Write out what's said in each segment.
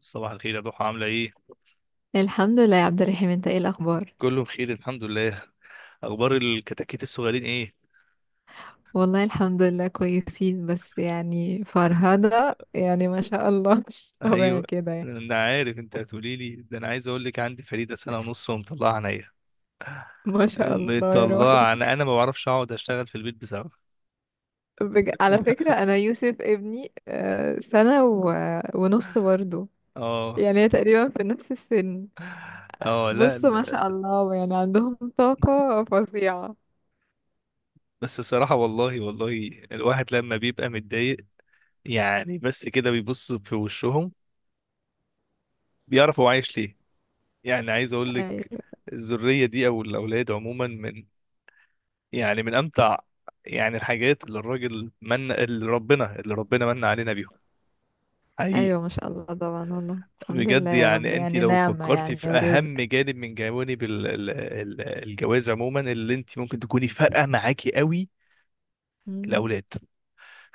صباح الخير يا ضحى، عاملة ايه؟ الحمد لله يا عبد الرحيم، انت ايه الاخبار؟ كله بخير الحمد لله. اخبار الكتاكيت الصغيرين ايه؟ والله الحمد لله كويسين، بس يعني فرهدة، يعني ما شاء الله. مش ايوه، طبيعي كده يعني. انا عارف انت هتقولي لي ده. انا عايز اقول لك عندي فريدة سنة ونص ومطلعة عينيا. ما شاء الله يا روحي. مطلعة، انا ما بعرفش اقعد اشتغل في البيت بسبب على فكرة انا يوسف ابني، سنة ونص برضه. اه. يعني تقريبا في نفس السن. اه لا بص ما لا. شاء الله، يعني عندهم طاقة فظيعة. بس الصراحة، والله والله الواحد لما بيبقى متضايق يعني بس كده بيبص في وشهم بيعرف هو عايش ليه. يعني عايز اقول لك ايوه. الذرية دي او الاولاد عموما من، يعني من امتع، يعني الحاجات اللي الراجل، من اللي ربنا من علينا بيهم، حقيقي. ايوه ما شاء الله طبعا، والله الحمد لله بجد، يا رب، يعني انت يعني لو نعمة فكرتي يعني في ورزق. اهم جانب من جوانب الجواز عموما اللي انت ممكن تكوني فارقه معاكي قوي: مم. الاولاد.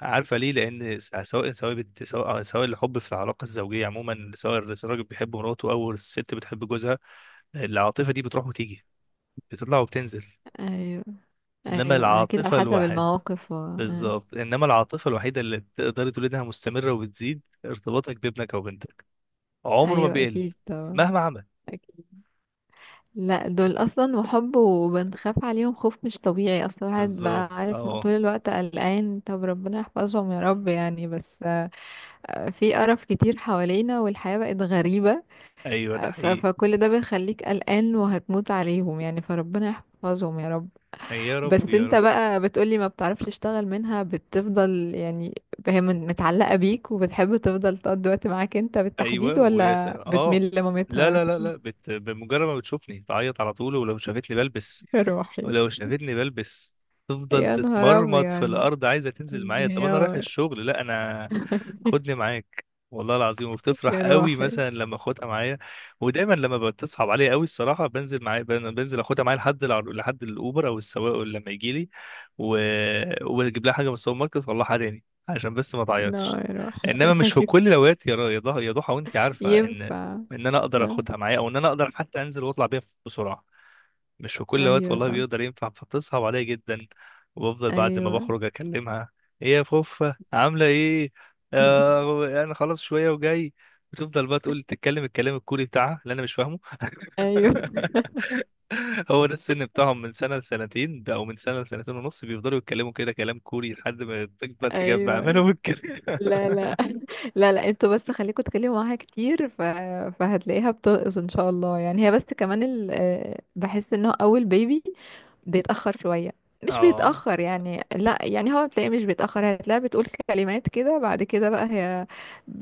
عارفه ليه؟ لان س- سواء سواء بت- سواء سواء الحب في العلاقه الزوجيه عموما، سواء الراجل بيحب مراته او الست بتحب جوزها، العاطفه دي بتروح وتيجي، بتطلع وبتنزل. ايوه انما ايوه اكيد، على العاطفه، حسب المواقف و... آه. بالظبط، انما العاطفه الوحيده اللي تقدري تقولي انها مستمره وبتزيد ارتباطك بابنك او بنتك، عمره ما ايوه بيقل اكيد طبعا. مهما عمل. اكيد. لا، دول اصلا وحب، وبنخاف عليهم خوف مش طبيعي اصلا، الواحد بقى بالظبط عارف اه. طول الوقت قلقان. طب ربنا يحفظهم يا رب، يعني بس. في قرف كتير حوالينا، والحياة بقت غريبة. ايوه ده حقيقي. فكل ده بيخليك قلقان، وهتموت عليهم يعني، فربنا يحفظهم يا رب. يا رب بس يا انت رب. بقى بتقولي ما بتعرفش تشتغل منها، بتفضل يعني. هي متعلقة بيك، وبتحب تفضل تقضي وقت معاك انت بالتحديد، ايوه، ويا س... ولا اه بتميل لا لمامتها لا لا اكتر؟ لا، بمجرد ما بتشوفني تعيط على طول، ولو شافتني بلبس، يا روحي. ولو شافتني بلبس تفضل يا نهار تتمرمط في ابيض. الارض عايزه تنزل معايا. طب انا رايح انهيار. الشغل، لا انا. خدني معاك. والله العظيم، وبتفرح يا قوي روحي. مثلا لما اخدها معايا. ودايما لما بتصعب عليا قوي الصراحه بنزل معايا، بنزل اخدها معايا لحد لحد الاوبر او السواق لما يجي لي، و... واجيب لها حاجه من السوبر ماركت والله، حراني عشان بس ما تعيطش. نار يا روحي. انما مش في كل ايوه. الاوقات يا را- يا ضح- يا ضحى، وانت عارفه ان ينفع. انا اقدر اه، اخدها معايا، او ان انا اقدر حتى انزل واطلع بيها بسرعه مش في كل وقت ايوه والله صح. بيقدر ينفع. فبتصعب عليا جدا. وبفضل بعد ما ايوه. بخرج اكلمها: ايه يا فوفا عامله ايه؟ آه انا خلاص شويه وجاي. بتفضل بقى تقول، تتكلم الكلام الكوري بتاعها اللي انا مش فاهمه. ايوه هو ده السن بتاعهم من سنه لسنتين ده، او من سنه لسنتين ونص، بيفضلوا يتكلموا كده كلام كوري لحد ما تكبر تجمع ايوه. منهم الكلام. لا لا. لا لا، انتوا بس خليكوا تتكلموا معاها كتير فهتلاقيها بترقص ان شاء الله. يعني هي بس كمان ال... آه، بحس ان هو اول بيبي بيتأخر شوية. مش اه. بيتأخر يعني، لا يعني هو بتلاقيه مش بيتأخر. هتلاقيها بتقول كلمات كده، بعد كده بقى هي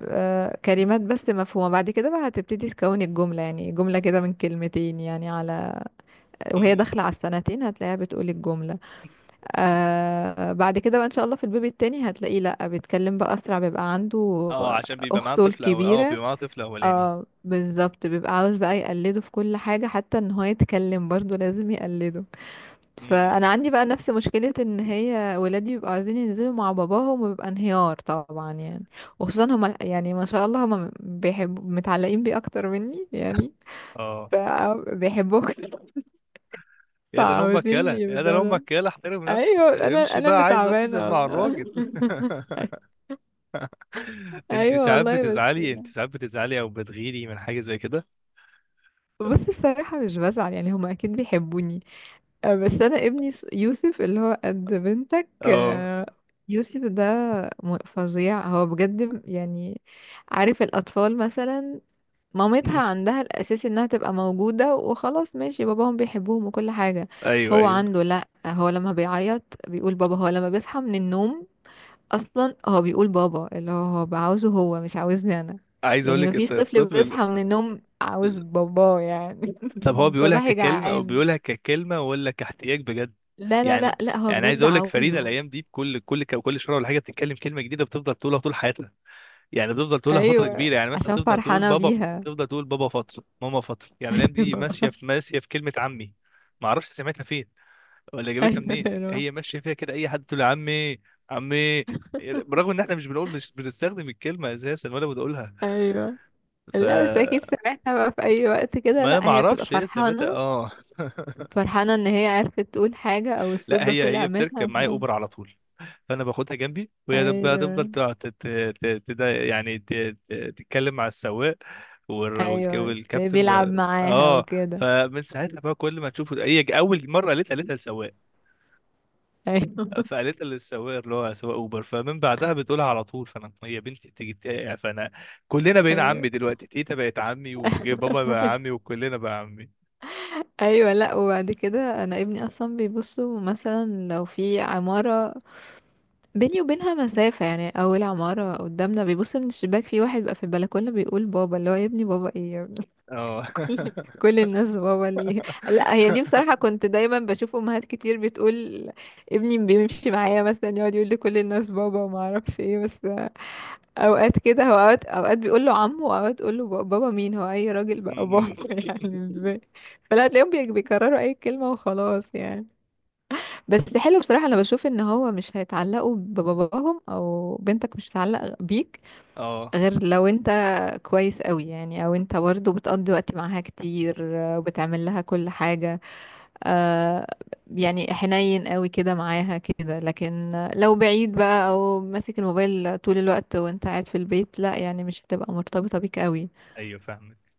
كلمات بس مفهومة. بعد كده بقى هتبتدي تكون الجملة، يعني جملة كده من كلمتين يعني، على وهي داخلة على السنتين هتلاقيها بتقول الجملة. بعد كده بقى ان شاء الله في البيبي التاني هتلاقيه لا بيتكلم بقى اسرع، بيبقى عنده اه عشان بيبقى معاه اخته طفل، او اه الكبيره. بيبقى معاه طفل اولاني. اه بالظبط، بيبقى عاوز بقى يقلده في كل حاجه، حتى ان هو يتكلم برضه لازم يقلده. مم. فانا عندي بقى نفس مشكله، ان هي ولادي بيبقوا عايزين ينزلوا مع باباهم، وبيبقى انهيار طبعا يعني. وخصوصا هما يعني، ما شاء الله هما بيحبوا متعلقين بيه اكتر مني يعني. اه. فبيحبوه أكتر. يا ده أنا امك فعاوزين يلا، يا ده أنا يبدأ. امك يلا، احترم ايوه، نفسك انا امشي انا بقى، اللي عايز انزل تعبانه مع والله. الراجل. انت ايوه ساعات والله، بس بتزعلي، لا. او بتغيري من حاجه زي كده؟ بص، بصراحه مش بزعل يعني، هما اكيد بيحبوني. بس انا ابني يوسف اللي هو قد بنتك اه. آه، يوسف ده فظيع هو بجد يعني. عارف الاطفال مثلا أمم. مامتها عندها الاساس انها تبقى موجوده وخلاص، ماشي، باباهم بيحبوهم وكل حاجه. ايوه هو ايوه. عنده لا، هو لما بيعيط بيقول بابا، هو لما بيصحى من النوم اصلا هو بيقول بابا. اللي هو عاوزه، هو مش عاوزني انا. عايز اقول يعني لك مفيش طفل بيصحى من النوم عاوز ال- باباه يعني. طب هو انت بيقولها صاحي ككلمه، جعان. ولا كاحتياج بجد؟ لا لا لا يعني، لا، هو يعني عايز بجد اقول لك فريده عاوزه. الايام دي بكل كل كل شهر ولا حاجه بتتكلم كلمه جديده بتفضل تقولها طول حياتها، يعني تفضل تقولها فترة ايوه، كبيرة، يعني مثلا عشان تفضل تقول فرحانة بابا، بيها. تفضل تقول بابا فترة، ماما فترة. يعني الأيام دي ايوه ماشية في كلمة عمي. ما اعرفش سمعتها فين ولا جابتها ايوه منين، ايوه هي ماشية فيها كده أي حد تقول عمي، عمي، برغم ان احنا مش بنقول، مش بنستخدم الكلمة اساسا ولا بنقولها. ايوه. ف، لا بس اكيد سمعتها بقى في اي وقت كده، ما انا لا ما هي بتبقى اعرفش هي سمعتها. فرحانة، اه. فرحانة ان هي عرفت تقول حاجة، او الصوت لا، ده هي طلع منها بتركب معايا اوبر على طول، فانا باخدها جنبي، وهي هتفضل ايوه تقعد يعني تتكلم مع السواق ايوه. تلاقيه والكابتن، بيلعب معاها اه. وكده. فمن ساعتها بقى كل ما تشوفه، هي اول مره قالتها قالتها للسواق، ايوه. فقالتها للسواق اللي هو سواق اوبر، فمن بعدها بتقولها على طول. فانا هي بنتي تيجي يعني فانا كلنا بقينا ايوه. عمي دلوقتي. تيتا بقت عمي، وبابا بقى عمي، وكلنا بقى عمي. ايوه لا، وبعد كده انا ابني اصلا بيبصوا مثلا لو في عماره بيني وبينها مسافه يعني، اول عماره قدامنا بيبص من الشباك في واحد بقى في البلكونه بيقول بابا، اللي هو يا ابني بابا ايه يا ابني. اه. كل الناس بابا ليه؟ لا هي دي بصراحه، كنت دايما بشوف امهات كتير بتقول ابني بيمشي معايا مثلا يقعد يقول لكل الناس بابا، وما اعرفش ايه. بس اوقات كده هو اوقات بيقول له عمه، واوقات تقول له بابا مين، هو اي راجل م- بقى بابا. م. يعني ازاي؟ فلا تلاقيهم بيكرروا اي كلمة وخلاص يعني. بس حلو بصراحة، انا بشوف ان هو مش هيتعلقوا بباباهم، او بنتك مش هتتعلق بيك اه. غير لو انت كويس قوي يعني، او انت برضه بتقضي وقت معاها كتير، وبتعمل لها كل حاجة. آه يعني حنين قوي كده معاها كده، لكن لو بعيد بقى، او ماسك الموبايل طول الوقت وانت قاعد في البيت، لا يعني مش هتبقى مرتبطة بيك قوي. ايوه فاهمك.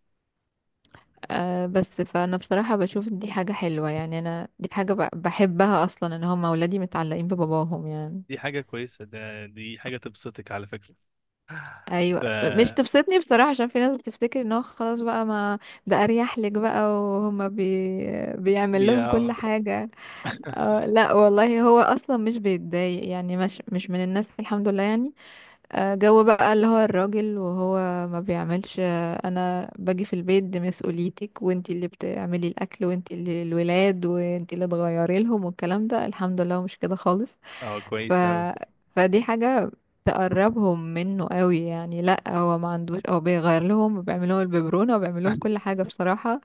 بس فانا بصراحة بشوف دي حاجة حلوة يعني، انا دي حاجة بحبها اصلا، ان هم اولادي متعلقين بباباهم يعني. دي حاجة كويسة، ده دي حاجة تبسطك على فكرة. ايوه، ف، مش تبسطني بصراحه، عشان في ناس بتفتكر ان هو خلاص بقى، ما ده اريح لك بقى، وهم بيعمل بي- لهم كل اه حاجه. لا والله، هو اصلا مش بيتضايق يعني، مش من الناس، الحمد لله يعني. جو بقى اللي هو الراجل، وهو ما بيعملش، انا باجي في البيت دي مسؤوليتك، وانتي اللي بتعملي الاكل، وانتي اللي الولاد، وانتي اللي تغيري لهم، والكلام ده الحمد لله هو مش كده خالص. اه ف كويس أوي. فدي حاجة تقربهم منه قوي يعني. لا هو ما عندوش، هو بيغير لهم، وبيعمل لهم الببرونة، وبيعمل لهم كل حاجة بصراحة.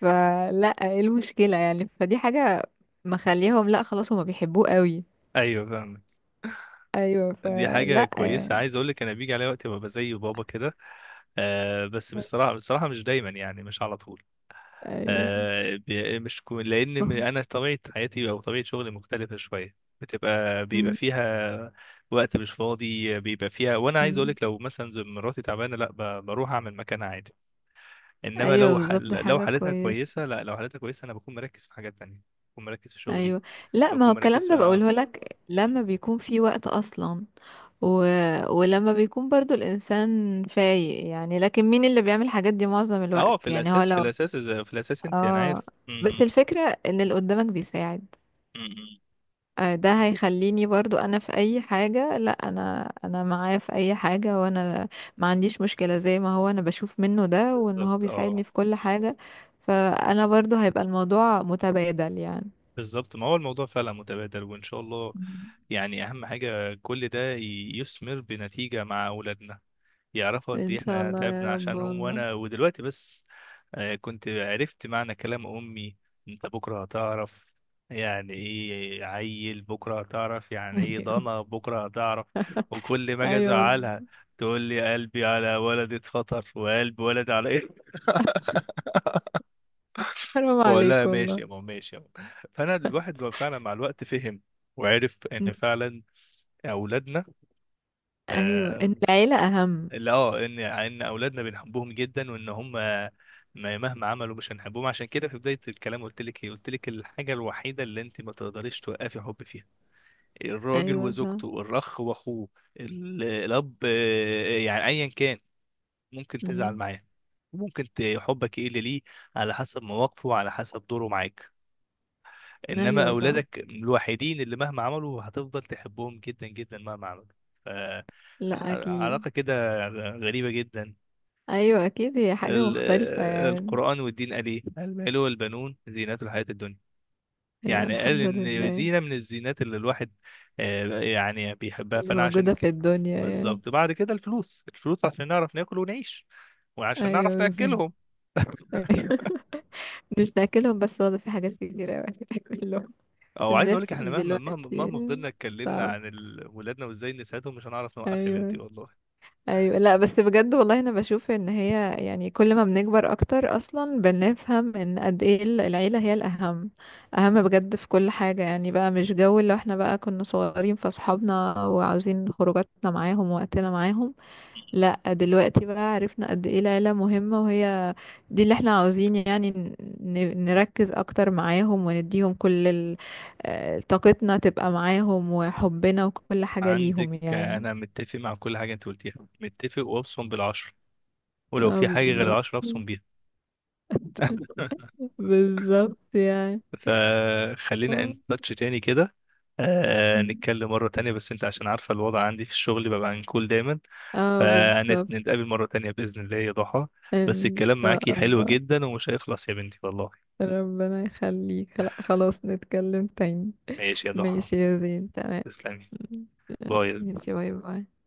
فلا ايه المشكلة يعني؟ فدي حاجة مخليهم، لا خلاص هما بيحبوه قوي. أيوة فاهمك. ايوه، دي حاجة فلا كويسة. يعني. عايز أقول لك أنا بيجي عليا وقت ببقى زي بابا كده. آه، بس بصراحة، بصراحة مش دايما يعني، مش على طول. ايوه آه، بي- مش كو- لأن ما م- هو- أنا طبيعة حياتي، أو طبيعة شغلي مختلفة شوية. بتبقى، بيبقى مم. فيها وقت مش فاضي بيبقى فيها، وأنا عايز أقول مم. لك لو مثلا زي مراتي تعبانة، لا، بروح أعمل مكانها عادي. انما ايوه لو بالظبط، ده لو حاجه حالتها كويسه. كويسه، لا، لو حالتها كويسه انا بكون مركز في حاجات تانية، بكون مركز في شغلي، ايوه لا، ما هو بكون مركز الكلام في ده اه، بقوله لك لما بيكون في وقت اصلا، و... ولما بيكون برضو الانسان فايق يعني، لكن مين اللي بيعمل الحاجات دي معظم اه في الوقت؟ يعني هو الاساس، في لو. الاساس في الاساس، انت انا اه، عارف م- بس م- الفكره ان اللي قدامك بيساعد. م- م. ده هيخليني برضو انا في اي حاجة، لا انا معاه في اي حاجة، وانا ما عنديش مشكلة زي ما هو، انا بشوف منه ده، وان هو بالظبط اه. بيساعدني في كل حاجة. فانا برضو هيبقى الموضوع متبادل يعني. بالظبط، ما هو الموضوع فعلا متبادل، وان شاء الله مم. يعني اهم حاجه كل ده يثمر بنتيجه مع اولادنا، يعرفوا قد ان ايه شاء احنا الله تعبنا يا رب عشانهم. والله. وانا ودلوقتي بس آه، كنت عرفت معنى كلام امي. انت بكره هتعرف يعني ايه عيل، بكره هتعرف يعني ايه ايوه ضنا، بكره هتعرف. وكل ما اجي ايوه. ازعلها تقول لي: قلبي على ولد اتفطر، وقلب ولد على ايه. حرام بقول عليك لها ماشي والله. يا ماما، ماشي يا ماما. فانا الواحد فعلا مع الوقت فهم وعرف م. ان فعلا اولادنا، ايوه، آه، ان العيلة اهم. اللي اه ان اولادنا بنحبهم جدا، وان هم مهما عملوا مش هنحبهم. عشان كده في بدايه الكلام قلت لك ايه؟ قلت لك الحاجه الوحيده اللي انت ما تقدريش توقفي حب فيها: الراجل ايوه صح. وزوجته، الرخ واخوه، الاب، آه، يعني ايا كان، ممكن تزعل م. معاه، ممكن حبك يقل ليه، على حسب مواقفه وعلى حسب دوره معاك. انما ايوه صح. اولادك الوحيدين اللي مهما عملوا هتفضل تحبهم جدا جدا مهما عملوا. ف، لا اكيد. علاقه كده غريبه جدا. ايوه اكيد، هي حاجة ال- مختلفة يعني. القرآن والدين قال ايه؟ المال والبنون زينة الحياة الدنيا. ايوه يعني قال الحمد ان لله. زينة من الزينات اللي الواحد آه، يعني بيحبها. اللي فانا عشان موجودة في الدنيا يعني. بالظبط. بعد كده الفلوس، الفلوس عشان نعرف ناكل ونعيش، وعشان نعرف أيوة بالظبط. ناكلهم. أيوة. مش ناكلهم بس والله، في حاجات كتير أوي تاكلهم. او عايز اقول لك احنا النيرسري مهما دلوقتي فضلنا اتكلمنا صعب. عن ولادنا وازاي نساعدهم، مش هنعرف نوقف يا بنتي أيوة. والله. أيوة لا، بس بجد والله أنا بشوف إن هي يعني، كل ما بنكبر أكتر أصلا بنفهم إن قد إيه العيلة هي الأهم، أهم بجد في كل حاجة يعني. بقى مش جو اللي احنا بقى كنا صغيرين فأصحابنا، وعاوزين خروجاتنا معاهم ووقتنا معاهم. لا دلوقتي بقى عرفنا قد ايه العيلة مهمة، وهي دي اللي احنا عاوزين يعني نركز اكتر معاهم، ونديهم كل طاقتنا تبقى معاهم، وحبنا وكل حاجة عندك ليهم آه، يعني. انا متفق مع كل حاجة انت قلتيها، متفق وابصم بالعشر، ولو اه في حاجة غير بالظبط. العشرة ابصم بيها. بالظبط يعني. فخلينا اه. ان تاتش تاني كده، آه، نتكلم مرة تانية، بس انت عشان عارفة الوضع عندي في الشغل ببقى عنكول دايما، آه، بالظبط. فنتقابل مرة تانية بإذن الله يا ضحى. بس ان الكلام معاكي شاء حلو الله. جدا ومش هيخلص يا بنتي والله. ربنا يخليك، لا خلاص نتكلم تاني. ماشي يا ضحى. ماشي يا زين، تمام. تسلمي. باي. ماشي، باي باي.